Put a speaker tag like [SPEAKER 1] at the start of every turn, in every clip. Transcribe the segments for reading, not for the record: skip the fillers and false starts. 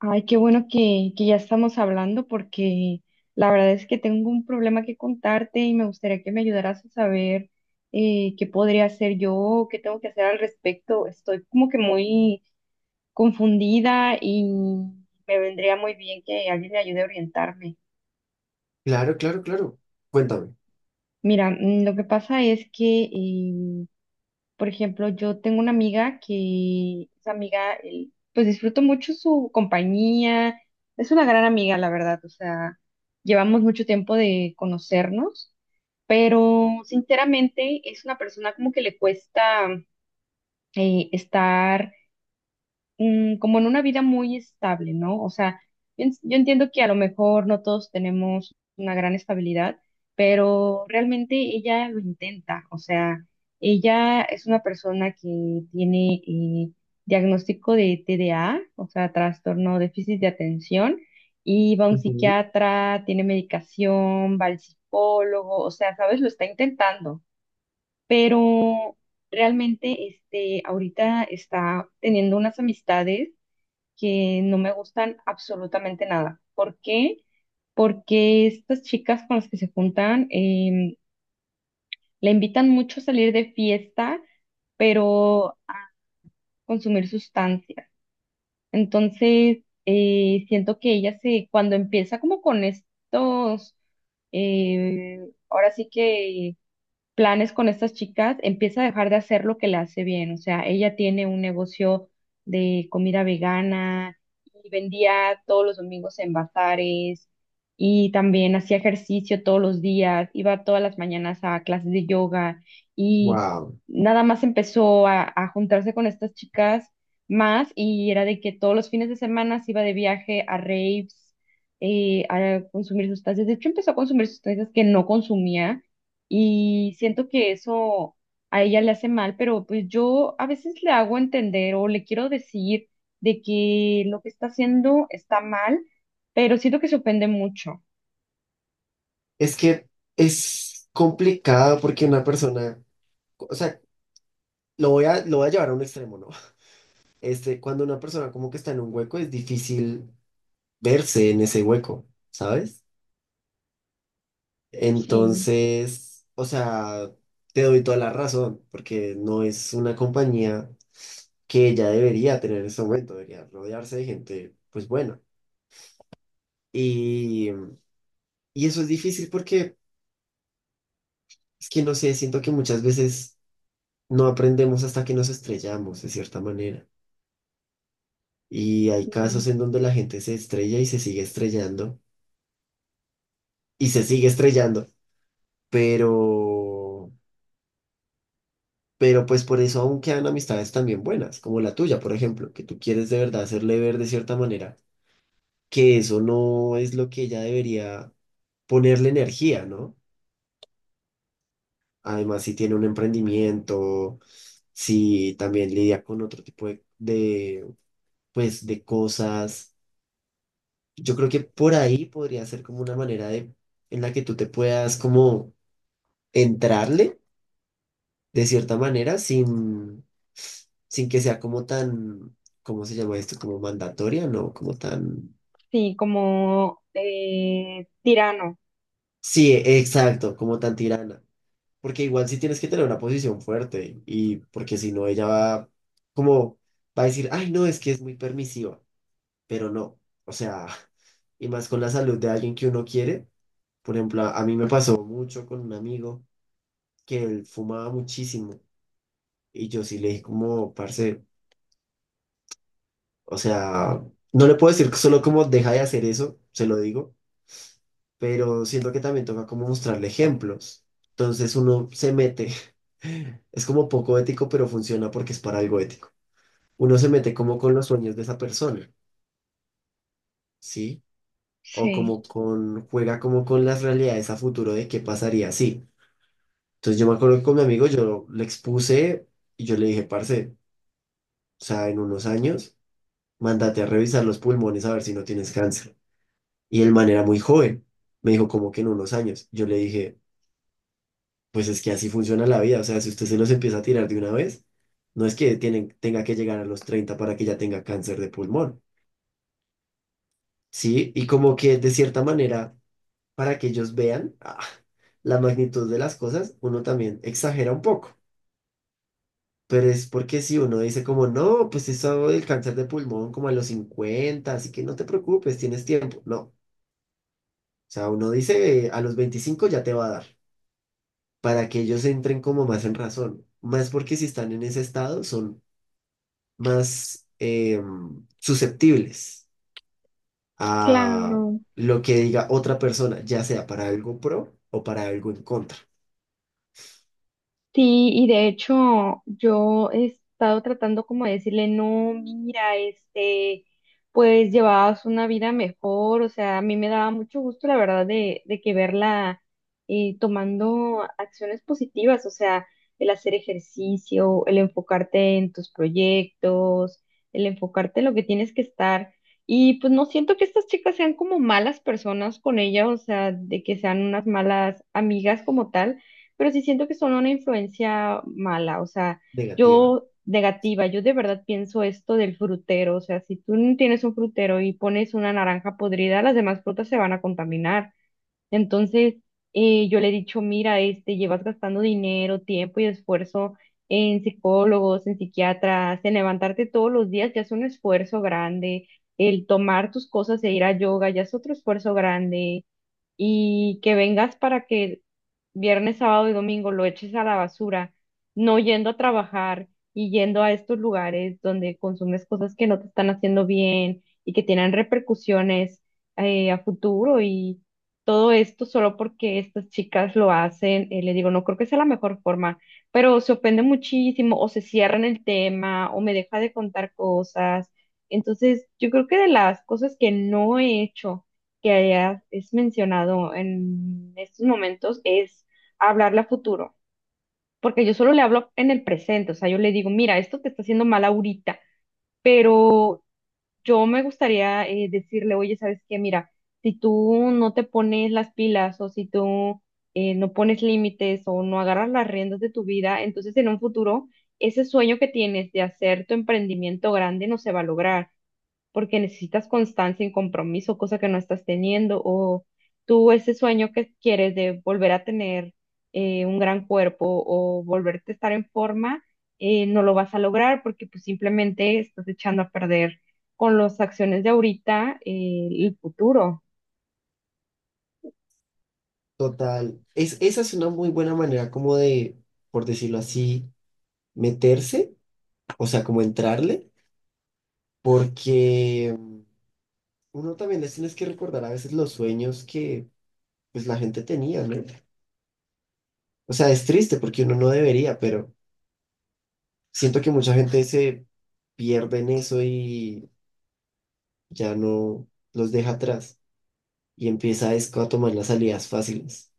[SPEAKER 1] Ay, qué bueno que ya estamos hablando porque la verdad es que tengo un problema que contarte y me gustaría que me ayudaras a saber qué podría hacer yo, qué tengo que hacer al respecto. Estoy como que muy confundida y me vendría muy bien que alguien me ayude a orientarme.
[SPEAKER 2] Claro, claro, claro. Cuéntame.
[SPEAKER 1] Mira, mm, lo que pasa es que. Por ejemplo, yo tengo una amiga que, esa amiga, pues disfruto mucho su compañía, es una gran amiga, la verdad, o sea, llevamos mucho tiempo de conocernos, pero sinceramente es una persona como que le cuesta estar mm, como en una vida muy estable, ¿no? O sea, yo entiendo que a lo mejor no todos tenemos una gran estabilidad, pero realmente ella lo intenta, o sea, ella es una persona que tiene diagnóstico de TDA, o sea, trastorno déficit de atención, y va a un psiquiatra, tiene medicación, va al psicólogo, o sea, ¿sabes? Lo está intentando, pero realmente este ahorita está teniendo unas amistades que no me gustan absolutamente nada. ¿Por qué? Porque estas chicas con las que se juntan la invitan mucho a salir de fiesta, pero a consumir sustancias. Entonces, siento que ella se, cuando empieza como con eh, ahora sí que planes con estas chicas, empieza a dejar de hacer lo que le hace bien. O sea, ella tiene un negocio de comida vegana y vendía todos los domingos en bazares y también hacía ejercicio todos los días, iba todas las mañanas a clases de yoga y
[SPEAKER 2] Wow.
[SPEAKER 1] nada más empezó a juntarse con estas chicas más y era de que todos los fines de semana se iba de viaje a raves. A consumir sustancias. De hecho, empezó a consumir sustancias que no consumía y siento que eso a ella le hace mal, pero pues yo a veces le hago entender o le quiero decir de que lo que está haciendo está mal, pero siento que se ofende mucho.
[SPEAKER 2] Es que es complicado porque una persona, o sea, lo voy a llevar a un extremo, ¿no? Cuando una persona como que está en un hueco, es difícil verse en ese hueco, ¿sabes?
[SPEAKER 1] Sí,
[SPEAKER 2] Entonces, o sea, te doy toda la razón, porque no es una compañía que ella debería tener en ese momento, debería rodearse de gente, pues buena. Y, y eso es difícil porque es que no sé, siento que muchas veces no aprendemos hasta que nos estrellamos, de cierta manera. Y hay
[SPEAKER 1] mm,
[SPEAKER 2] casos en donde la gente se estrella y se sigue estrellando y se sigue estrellando, pero, pero por eso aún quedan amistades también buenas, como la tuya, por ejemplo, que tú quieres de verdad hacerle ver de cierta manera que eso no es lo que ella debería ponerle energía, ¿no? Además, si tiene un emprendimiento, si también lidia con otro tipo de, pues, de cosas. Yo creo que por ahí podría ser como una manera de, en la que tú te puedas como entrarle de cierta manera, sin que sea como tan, ¿cómo se llama esto? Como mandatoria, ¿no? Como tan,
[SPEAKER 1] sí, como tirano.
[SPEAKER 2] sí, exacto, como tan tirana. Porque igual sí tienes que tener una posición fuerte, y porque si no ella va como, va a decir, ay, no, es que es muy permisiva, pero no, o sea, y más con la salud de alguien que uno quiere. Por ejemplo, a mí me pasó mucho con un amigo que él fumaba muchísimo. Y yo sí le dije como, parce, o sea, no le puedo decir solo como deja de hacer eso, se lo digo, pero siento que también toca como mostrarle ejemplos. Entonces uno se mete, es como poco ético, pero funciona porque es para algo ético. Uno se mete como con los sueños de esa persona, ¿sí? O
[SPEAKER 1] Sí.
[SPEAKER 2] como con, juega como con las realidades a futuro de qué pasaría, sí. Entonces yo me acuerdo que con mi amigo yo le expuse y yo le dije, parce, o sea, en unos años mándate a revisar los pulmones a ver si no tienes cáncer. Y el man era muy joven, me dijo como que en unos años. Yo le dije, pues es que así funciona la vida, o sea, si usted se los empieza a tirar de una vez, no es que tenga que llegar a los 30 para que ya tenga cáncer de pulmón, ¿sí? Y como que de cierta manera, para que ellos vean la magnitud de las cosas, uno también exagera un poco. Pero es porque si uno dice como, no, pues eso del cáncer de pulmón como a los 50, así que no te preocupes, tienes tiempo. No, o sea, uno dice, a los 25 ya te va a dar, para que ellos entren como más en razón, más porque si están en ese estado son más susceptibles a
[SPEAKER 1] Claro.
[SPEAKER 2] lo que diga otra persona, ya sea para algo pro o para algo en contra,
[SPEAKER 1] Sí, y de hecho yo he estado tratando como de decirle, no, mira, este, pues llevabas una vida mejor, o sea, a mí me daba mucho gusto, la verdad, de que verla tomando acciones positivas, o sea, el hacer ejercicio, el enfocarte en tus proyectos, el enfocarte en lo que tienes que estar. Y pues no siento que estas chicas sean como malas personas con ella, o sea, de que sean unas malas amigas como tal, pero sí siento que son una influencia mala, o sea,
[SPEAKER 2] negativa.
[SPEAKER 1] yo negativa, yo de verdad pienso esto del frutero, o sea, si tú no tienes un frutero y pones una naranja podrida, las demás frutas se van a contaminar. Entonces, yo le he dicho, mira, este, llevas gastando dinero, tiempo y esfuerzo en psicólogos, en psiquiatras, en levantarte todos los días, ya es un esfuerzo grande. El tomar tus cosas e ir a yoga ya es otro esfuerzo grande y que vengas para que viernes, sábado y domingo lo eches a la basura, no yendo a trabajar y yendo a estos lugares donde consumes cosas que no te están haciendo bien y que tienen repercusiones a futuro y todo esto solo porque estas chicas lo hacen, le digo, no creo que sea la mejor forma, pero se ofende muchísimo o se cierran el tema o me deja de contar cosas. Entonces, yo creo que de las cosas que no he hecho, que hayas es mencionado en estos momentos es hablarle a futuro, porque yo solo le hablo en el presente, o sea, yo le digo, mira, esto te está haciendo mal ahorita, pero yo me gustaría decirle, oye, ¿sabes qué? Mira, si tú no te pones las pilas o si tú no pones límites o no agarras las riendas de tu vida, entonces en un futuro ese sueño que tienes de hacer tu emprendimiento grande no se va a lograr porque necesitas constancia y compromiso, cosa que no estás teniendo, o tú ese sueño que quieres de volver a tener un gran cuerpo o volverte a estar en forma, no lo vas a lograr porque pues simplemente estás echando a perder con las acciones de ahorita, el futuro.
[SPEAKER 2] Total, esa es una muy buena manera como de, por decirlo así, meterse, o sea, como entrarle, porque uno también les tienes que recordar a veces los sueños que pues la gente tenía, ¿no? O sea, es triste porque uno no debería, pero siento que mucha gente se pierde en eso y ya no los deja atrás y empieza es a tomar las salidas fáciles.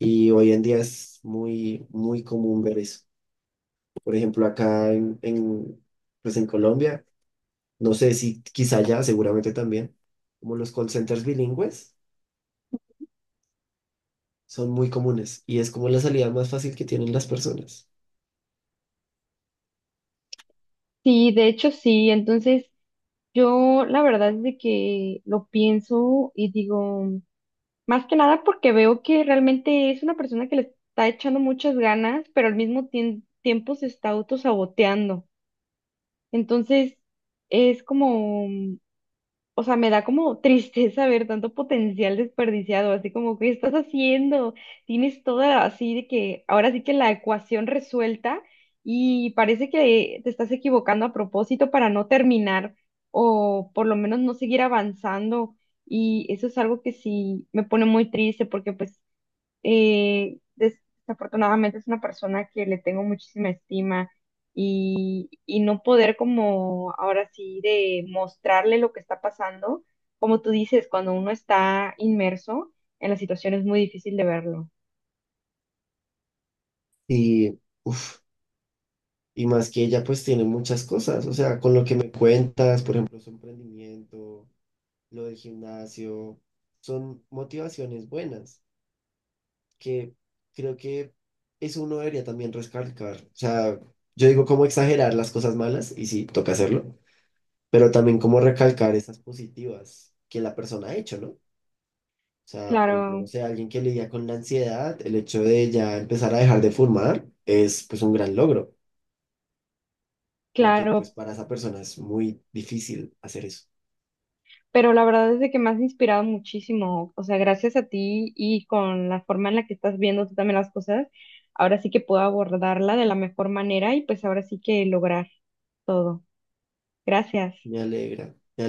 [SPEAKER 2] Y hoy en día es muy, muy común ver eso. Por ejemplo, acá en, pues en Colombia, no sé si quizá ya, seguramente también, como los call centers bilingües son muy comunes y es como la salida más fácil que tienen las personas.
[SPEAKER 1] Sí, de hecho sí, entonces yo la verdad es de que lo pienso y digo... Más que nada porque veo que realmente es una persona que le está echando muchas ganas, pero al mismo tiempo se está autosaboteando. Entonces, es como, mm, o sea, me da como tristeza ver tanto potencial desperdiciado, así como, ¿qué estás haciendo? Tienes toda así de que ahora sí que la ecuación resuelta y parece que te estás equivocando a propósito para no terminar o por lo menos no seguir avanzando. Y eso es algo que sí me pone muy triste porque pues eh, des- desafortunadamente es una persona que le tengo muchísima estima y no poder como ahora sí de mostrarle lo que está pasando, como tú dices, cuando uno está inmerso en la situación es muy difícil de verlo.
[SPEAKER 2] Y, uff. Y más que ella pues tiene muchas cosas, o sea, con lo que me cuentas, por ejemplo, su emprendimiento, lo del gimnasio, son motivaciones buenas que creo que eso uno debería también recalcar. O sea, yo digo cómo exagerar las cosas malas y sí, toca hacerlo, pero también cómo recalcar esas positivas que la persona ha hecho, ¿no? O sea, por ejemplo, no
[SPEAKER 1] Claro,
[SPEAKER 2] sé, alguien que lidia con la ansiedad, el hecho de ya empezar a dejar de fumar es pues un gran logro porque pues
[SPEAKER 1] claro,
[SPEAKER 2] para esa persona es muy difícil hacer eso.
[SPEAKER 1] pero la verdad es de que me has inspirado muchísimo, o sea, gracias a ti y con la forma en la que estás viendo tú también las cosas, ahora sí que puedo abordarla de la mejor manera y pues ahora sí que lograr todo. Gracias.
[SPEAKER 2] Me alegra, me